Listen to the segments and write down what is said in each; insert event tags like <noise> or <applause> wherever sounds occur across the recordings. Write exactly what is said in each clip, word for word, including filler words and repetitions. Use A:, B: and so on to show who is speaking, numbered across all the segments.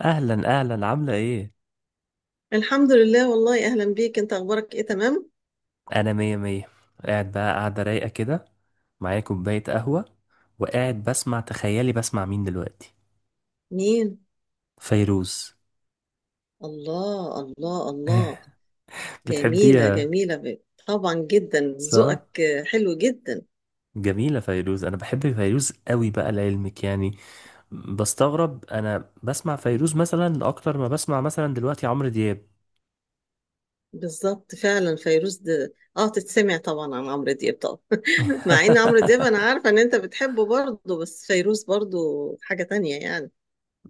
A: اهلا اهلا، عامله ايه؟
B: الحمد لله، والله أهلا بيك. أنت أخبارك إيه؟ تمام؟
A: انا مية مية. قاعد بقى، قاعده رايقه كده، معايا كوبايه قهوه. وقاعد بسمع، تخيلي بسمع مين دلوقتي؟
B: مين؟
A: فيروز.
B: الله الله الله.
A: <laughs>
B: جميلة
A: بتحبيها؟
B: جميلة ب- طبعا جدا.
A: صح؟
B: ذوقك حلو جدا.
A: جميله فيروز. انا بحب فيروز قوي بقى لعلمك يعني. بستغرب انا بسمع فيروز مثلا اكتر ما بسمع مثلا دلوقتي عمرو دياب.
B: بالظبط فعلا، فيروز ده اه تتسمع طبعا عن عمرو دياب طبعا. <laughs> مع ان عمرو دياب انا
A: <laughs>
B: عارفة ان انت بتحبه برضه، بس فيروز برضه حاجة تانية يعني.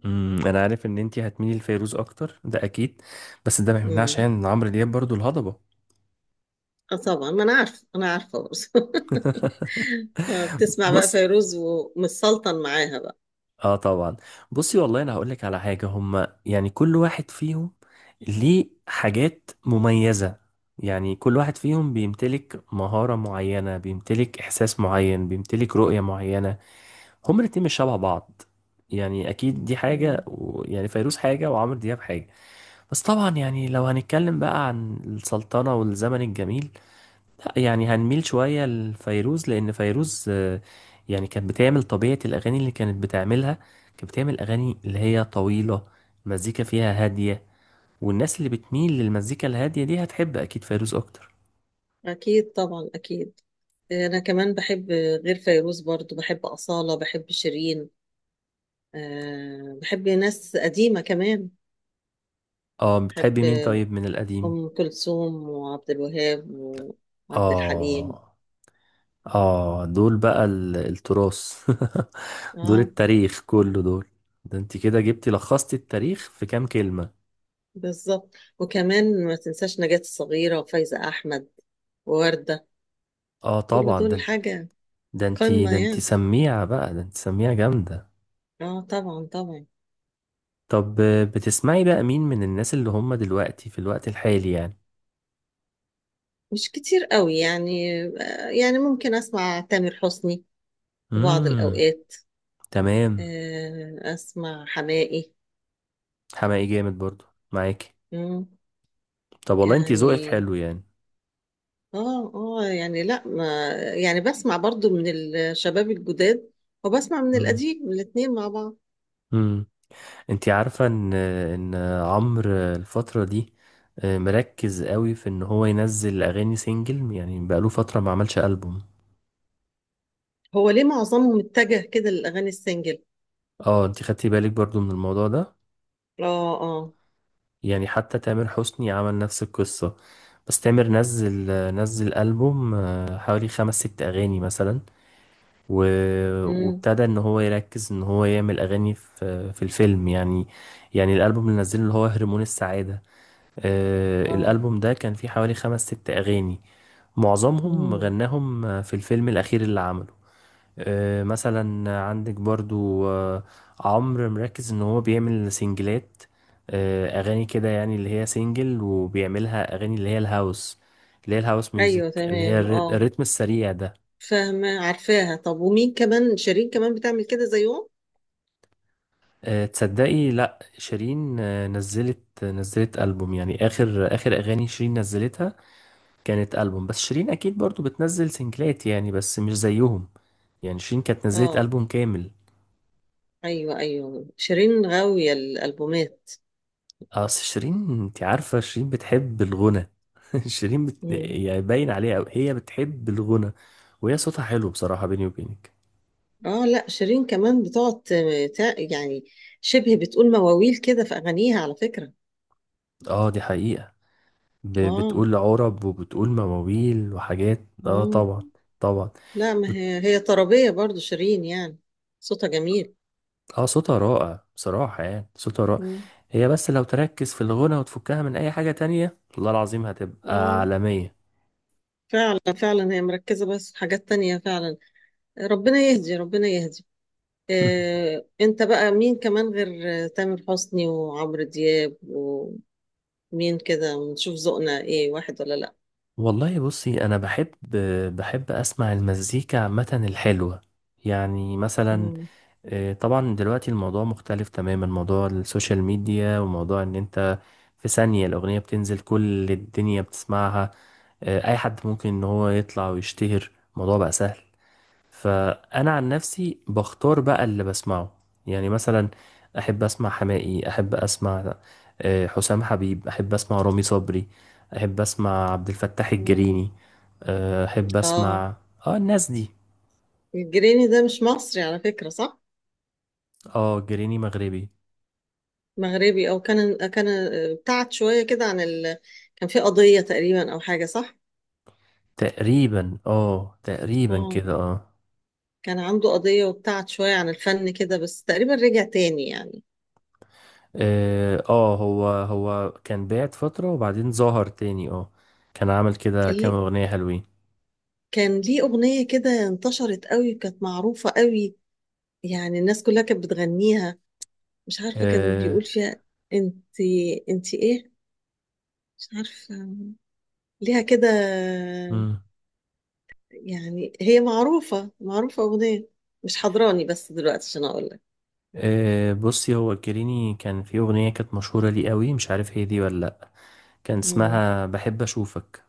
A: أمم، انا عارف ان انتي هتميلي لفيروز اكتر، ده اكيد. بس ده ما يمنعش
B: امم
A: يعني ان عمرو دياب برضو الهضبه.
B: اه طبعا، ما انا عارفة، انا عارفة برضه. <laughs> آه،
A: <laughs>
B: بتسمع بقى
A: بص.
B: فيروز ومتسلطن معاها
A: اه طبعا. بصي والله، انا هقول لك على حاجه. هما يعني كل واحد فيهم ليه حاجات مميزه. يعني كل واحد فيهم بيمتلك مهاره معينه، بيمتلك احساس معين، بيمتلك رؤيه معينه. هما الاتنين مش شبه بعض. يعني اكيد دي
B: بقى.
A: حاجه و... يعني فيروز حاجه وعمرو دياب حاجه. بس طبعا يعني لو هنتكلم بقى عن السلطنه والزمن الجميل، لا يعني هنميل شوية لفيروز، لأن فيروز آه، يعني كانت بتعمل طبيعة الأغاني اللي كانت بتعملها. كانت بتعمل أغاني اللي هي طويلة، مزيكا فيها هادية. والناس اللي بتميل للمزيكا الهادية دي هتحب أكيد فيروز أكتر.
B: أكيد طبعا، أكيد. أنا كمان بحب، غير فيروز برضو بحب أصالة، بحب شيرين. أه بحب ناس قديمة كمان.
A: اه، بتحب مين
B: بحب
A: طيب من القديم؟
B: أم كلثوم وعبد الوهاب وعبد الحليم.
A: اه، اه دول بقى ال- التراث. <laughs> دول
B: اه
A: التاريخ كله دول. ده انت كده جبتي، لخصتي التاريخ في كام كلمة.
B: بالظبط، وكمان ما تنساش نجاة الصغيرة وفايزة أحمد ووردة.
A: اه
B: كل
A: طبعا.
B: دول
A: ده
B: حاجة
A: ده انت
B: قمة
A: ده انت
B: يعني.
A: سميعة بقى، ده انت سميعة جامدة.
B: اه طبعا طبعا.
A: طب، بتسمعي بقى مين من الناس اللي هم دلوقتي في الوقت الحالي يعني؟
B: مش كتير قوي يعني، آه، يعني ممكن أسمع تامر حسني في بعض
A: امم.
B: الأوقات.
A: تمام.
B: آه، اسمع حماقي.
A: حماقي جامد برضو. معاكي؟
B: مم،
A: طب والله انتي ذوقك
B: يعني
A: حلو يعني.
B: اه اه يعني لا، ما يعني بسمع برضو من الشباب الجداد وبسمع من
A: امم.
B: القديم الاتنين مع بعض.
A: امم. انتي عارفة ان ان عمرو الفترة دي آه، مركز قوي في ان هو ينزل اغاني سينجل، يعني بقاله فترة ما عملش ألبوم.
B: هو ليه معظمهم اتجه كده للاغاني السنجل؟
A: اه، انتي خدتي بالك برضو من الموضوع ده.
B: اه اه.
A: يعني حتى تامر حسني عمل نفس القصة. بس تامر نزل، نزل ألبوم آه، حوالي خمس ست أغاني مثلا. و...
B: امم
A: وابتدى ان هو يركز، ان هو يعمل اغاني في في الفيلم يعني. يعني الالبوم اللي نزله اللي هو هرمون السعادة، آه
B: اه.
A: الالبوم ده كان فيه حوالي خمس ست اغاني. معظمهم
B: امم.
A: غناهم في الفيلم الاخير اللي عمله. آه مثلا عندك برضو آه، عمرو مركز ان هو بيعمل سنجلات. آه اغاني كده يعني اللي هي سنجل، وبيعملها اغاني اللي هي الهاوس، اللي هي الهاوس ميوزك،
B: ايوه
A: اللي هي
B: تمام
A: الري-
B: اه،
A: الريتم السريع ده.
B: فاهمه عارفاها. طب ومين كمان؟ شيرين كمان بتعمل كده زيهم؟
A: آه، تصدقي لا، شيرين آه، نزلت، نزلت ألبوم يعني. آخر آخر أغاني شيرين نزلتها كانت ألبوم. بس شيرين أكيد برضو بتنزل سنجلات يعني، بس مش زيهم. يعني شيرين كانت نزلت
B: اه
A: ألبوم كامل.
B: ايوه ايوه، شيرين غاويه الالبومات.
A: أصل شيرين، أنت عارفة شيرين بتحب الغنى. <laughs> شيرين بت...
B: مم.
A: يعني باين عليها أوي، هي بتحب الغنى. وهي صوتها حلو بصراحة، بيني وبينك.
B: اه لا، شيرين كمان بتقعد ت- تع- يعني شبه بتقول مواويل كده في اغانيها على فكرة.
A: اه دي حقيقة. ب...
B: اه.
A: بتقول عرب وبتقول مواويل وحاجات، اه
B: مم.
A: طبعا. طبعا.
B: لا، ما هي هي طربية برضو شيرين يعني، صوتها جميل.
A: اه صوتها رائع بصراحة، يعني صوتها رائع.
B: مم.
A: هي بس لو تركز في الغنى وتفكها من اي حاجة تانية، والله العظيم هتبقى
B: اه
A: عالمية.
B: فعلا فعلا، هي مركزة بس في حاجات تانية فعلا. ربنا يهدي ربنا يهدي. آه انت بقى مين كمان غير آه، تامر حسني وعمرو دياب ومين؟ كده نشوف ذوقنا ايه، واحد ولا لا.
A: والله بصي، انا بحب، بحب اسمع المزيكا عامة الحلوة. يعني مثلا
B: مم.
A: آه، طبعا دلوقتي الموضوع مختلف تماما، موضوع السوشيال ميديا، وموضوع ان انت في ثانية الاغنية بتنزل كل الدنيا بتسمعها. آه، اي حد ممكن ان هو يطلع ويشتهر، الموضوع بقى سهل. فانا عن نفسي بختار بقى اللي بسمعه، يعني مثلا احب اسمع حماقي، احب اسمع آه، حسام حبيب، احب اسمع رامي صبري، احب اسمع عبد الفتاح
B: مم.
A: الجريني. آه، احب
B: اه.
A: اسمع، اه الناس دي.
B: الجريني ده مش مصري على فكرة، صح؟
A: اه، جريني مغربي.
B: مغربي، او كان كان ابتعد شويه كده عن ال... كان في قضيه تقريبا او حاجه، صح.
A: تقريبا اه، تقريبا
B: اه،
A: كده اه.
B: كان عنده قضيه وابتعد شويه عن الفن كده، بس تقريبا رجع تاني يعني.
A: اه آه، هو هو كان بعد فترة وبعدين ظهر تاني اه. كان عامل كده
B: كان
A: كام
B: ليه،
A: اغنية حلوين.
B: كان ليه اغنيه كده انتشرت قوي، كانت معروفه قوي يعني. الناس كلها كانت بتغنيها. مش عارفه كان بيقول فيها انت، انت ايه، مش عارفه ليها كده
A: اه
B: يعني. هي معروفه معروفه اغنيه، مش حضراني بس دلوقتي عشان اقول
A: أه بصي، هو كريني كان في أغنية كانت مشهورة ليه قوي، مش عارف هي دي ولا لأ. كان
B: لك.
A: اسمها بحب أشوفك.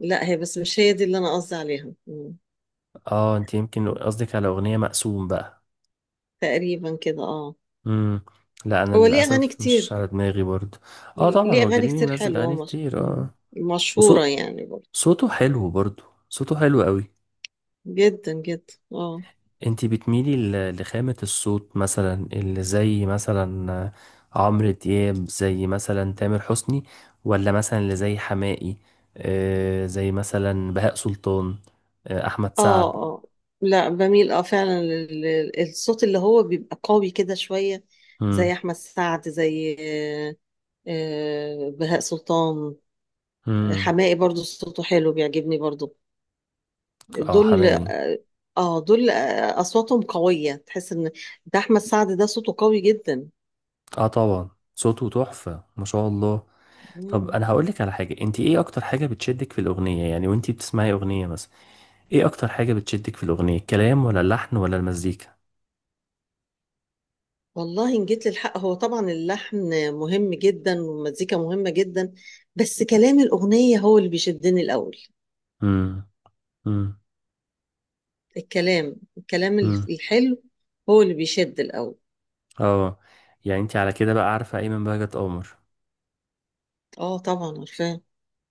B: لا، هي بس مش هي دي اللي انا قصدي عليها. مم.
A: اه، انت يمكن قصدك على أغنية مقسوم بقى.
B: تقريبا كده اه.
A: مم. لا أنا
B: هو ليه اغاني
A: للأسف مش
B: كتير،
A: على دماغي برضه. اه طبعا
B: ليه
A: هو
B: اغاني
A: كريني
B: كتير
A: منزل
B: حلوه
A: أغاني
B: ومش...
A: كتير
B: مم.
A: اه.
B: مشهوره
A: وصوت
B: يعني برضه.
A: صوته حلو برضه، صوته حلو قوي.
B: جدا جدا اه.
A: انتي بتميلي ل- لخامة الصوت، مثلا اللي زي مثلا آه، عمرو دياب، زي مثلا تامر حسني، ولا مثلا اللي زي حماقي، آه زي مثلا بهاء سلطان، آه احمد
B: اه
A: سعد.
B: اه لا بميل اه فعلا لل- لل- الصوت اللي هو بيبقى قوي كده شويه،
A: مم.
B: زي احمد سعد، زي آه، آه، بهاء سلطان.
A: مم.
B: حماقي برضه صوته حلو بيعجبني برضه.
A: اه
B: دول
A: حماقي.
B: اه. آه، دول آه، اصواتهم قويه، تحس ان ده احمد سعد، ده صوته قوي جدا.
A: اه طبعا، صوته تحفة ما شاء الله. طب
B: مم.
A: انا هقولك على حاجة، انتي ايه اكتر حاجة بتشدك في الاغنية يعني وانتي بتسمعي اغنية مثلا؟ ايه اكتر حاجة بتشدك في الاغنية؟ الكلام ولا اللحن ولا المزيكا؟
B: والله ان جيت للحق هو طبعا اللحن مهم جدا، والمزيكا مهمة جدا، بس كلام الأغنية هو اللي بيشدني الأول.
A: مم. مم.
B: الكلام، الكلام
A: مم.
B: الحلو هو اللي بيشد الأول.
A: اه، يعني انت على كده بقى عارفة ايمن بهجت قمر.
B: اه طبعا عارفاه.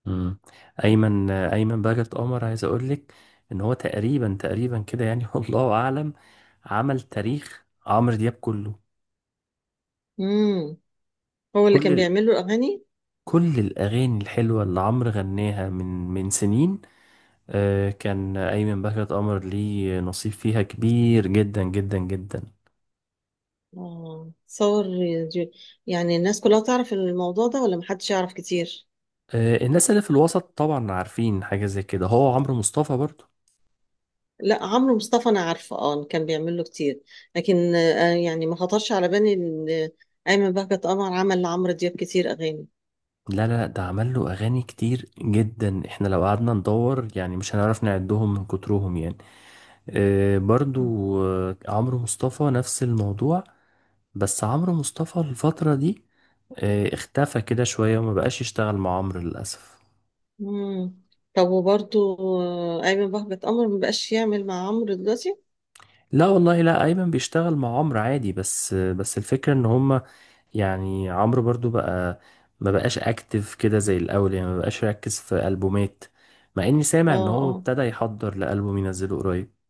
A: امم. ايمن ايمن بهجت قمر، عايز اقول لك ان هو تقريبا، تقريبا كده يعني، <laughs> والله اعلم عمل تاريخ عمرو دياب كله.
B: امم. هو اللي
A: كل
B: كان
A: ال...
B: بيعمل له الأغاني.
A: كل الاغاني الحلوة اللي عمرو غناها من من سنين آه، كان ايمن بهجت قمر ليه نصيب فيها كبير جدا جدا جدا.
B: اه. صور دي- يعني الناس كلها تعرف الموضوع ده ولا محدش يعرف كتير؟
A: آه، الناس اللي في الوسط طبعا عارفين حاجة زي كده. هو عمرو مصطفى برضه.
B: لا، عمرو مصطفى انا عارفه، اه كان بيعمل له كتير. لكن آه يعني ما خطرش على بالي ان ايمن بهجت قمر عمل لعمرو دياب كتير اغاني.
A: لا لا لا، ده عمل له اغاني كتير جدا، احنا لو قعدنا ندور يعني مش هنعرف نعدهم من كترهم يعني. آه برضو، آه عمرو مصطفى نفس الموضوع. بس عمرو مصطفى الفترة دي آه اختفى كده شوية وما بقاش يشتغل مع عمرو للأسف.
B: مم. طب وبرضو آه، أيمن بهجت قمر مبقاش يعمل مع عمرو دلوقتي؟
A: لا والله، لا ايمن بيشتغل مع عمرو عادي، بس آه، بس الفكرة ان هما يعني، عمرو برضو بقى ما بقاش اكتف كده زي الاول، يعني ما بقاش يركز في ألبومات. مع اني
B: اه
A: سامع ان هو
B: اه.
A: ابتدى يحضر لألبوم ينزله قريب.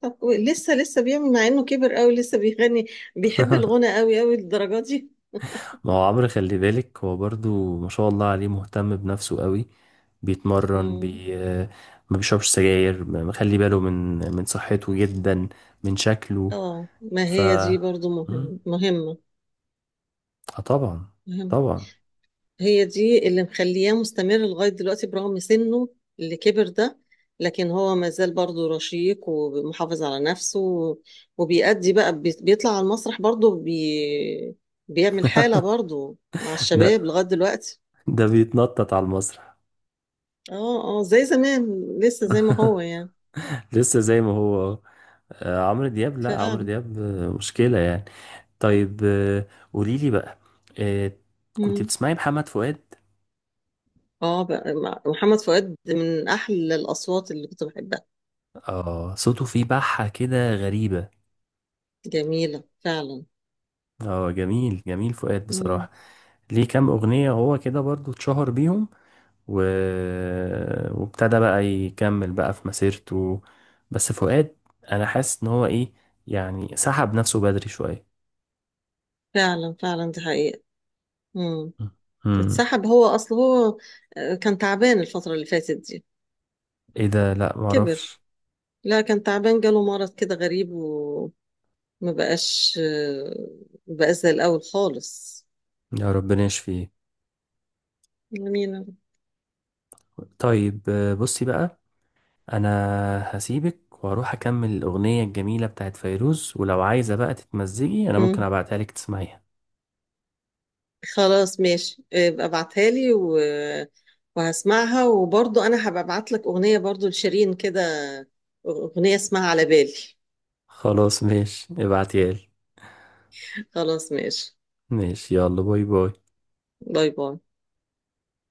B: طب كو- لسه لسه بيعمل؟ مع انه كبر قوي لسه بيغني، بيحب الغنى قوي قوي للدرجة دي.
A: ما هو عمرو خلي بالك، هو برضو ما شاء الله عليه مهتم بنفسه قوي. بيتمرن،
B: مم.
A: بي ما بيشربش سجاير، ما- مخلي باله من من صحته جدا، من شكله.
B: اه ما
A: ف
B: هي دي برضو
A: مم.
B: مهمة، مهمة،
A: اه طبعا.
B: مهمة.
A: طبعا.
B: هي دي اللي مخلياه مستمر لغاية دلوقتي برغم سنه اللي كبر ده، لكن هو ما زال برضه رشيق ومحافظ على نفسه، وبيأدي بقى بي- بيطلع على المسرح برضه بي... بيعمل حالة برضه مع
A: <laughs> ده
B: الشباب لغاية دلوقتي.
A: ده بيتنطط على المسرح.
B: اه اه زي زمان، لسه زي ما هو يعني.
A: لسه زي ما هو. آه، عمرو دياب، لا عمرو
B: فعلا.
A: دياب آه، مشكلة يعني. طيب آه، قولي لي بقى آه، كنت
B: مم.
A: بتسمعي محمد فؤاد؟
B: اه بقى مع- محمد فؤاد من أحلى الأصوات اللي كنت بحبها.
A: اه صوته فيه بحة كده غريبة.
B: جميلة فعلا.
A: اه جميل، جميل فؤاد
B: مم.
A: بصراحة. ليه كام أغنية هو كده برضو اتشهر بيهم، و... وابتدى بقى يكمل بقى في مسيرته. بس فؤاد، أنا حاسس إن هو إيه، يعني سحب نفسه بدري شوية.
B: فعلا فعلا، دي حقيقة. مم.
A: امم.
B: اتسحب. هو اصل هو آه، كان تعبان الفترة اللي فاتت دي.
A: إيه ده؟ لأ، معرفش.
B: كبر. لا كان تعبان، جاله مرض كده غريب وما بقاش آه، ما بقاش زي الاول خالص.
A: يا ربنا يشفيه.
B: امين يا رب.
A: طيب آه، بصي بقى. أنا هسيبك وهروح أكمل الأغنية الجميلة بتاعت فيروز، ولو عايزة بقى تتمزجي أنا ممكن
B: مم.
A: أبعتها لك تسمعيها.
B: خلاص ماشي، ابقى ابعتها لي و... وهسمعها، وبرضو انا هبقى ابعت لك اغنية برضو لشيرين كده، اغنية اسمها على بالي.
A: خلاص ماشي، ابعتيها لي.
B: خلاص ماشي.
A: ماشي، يلا باي باي.
B: باي باي.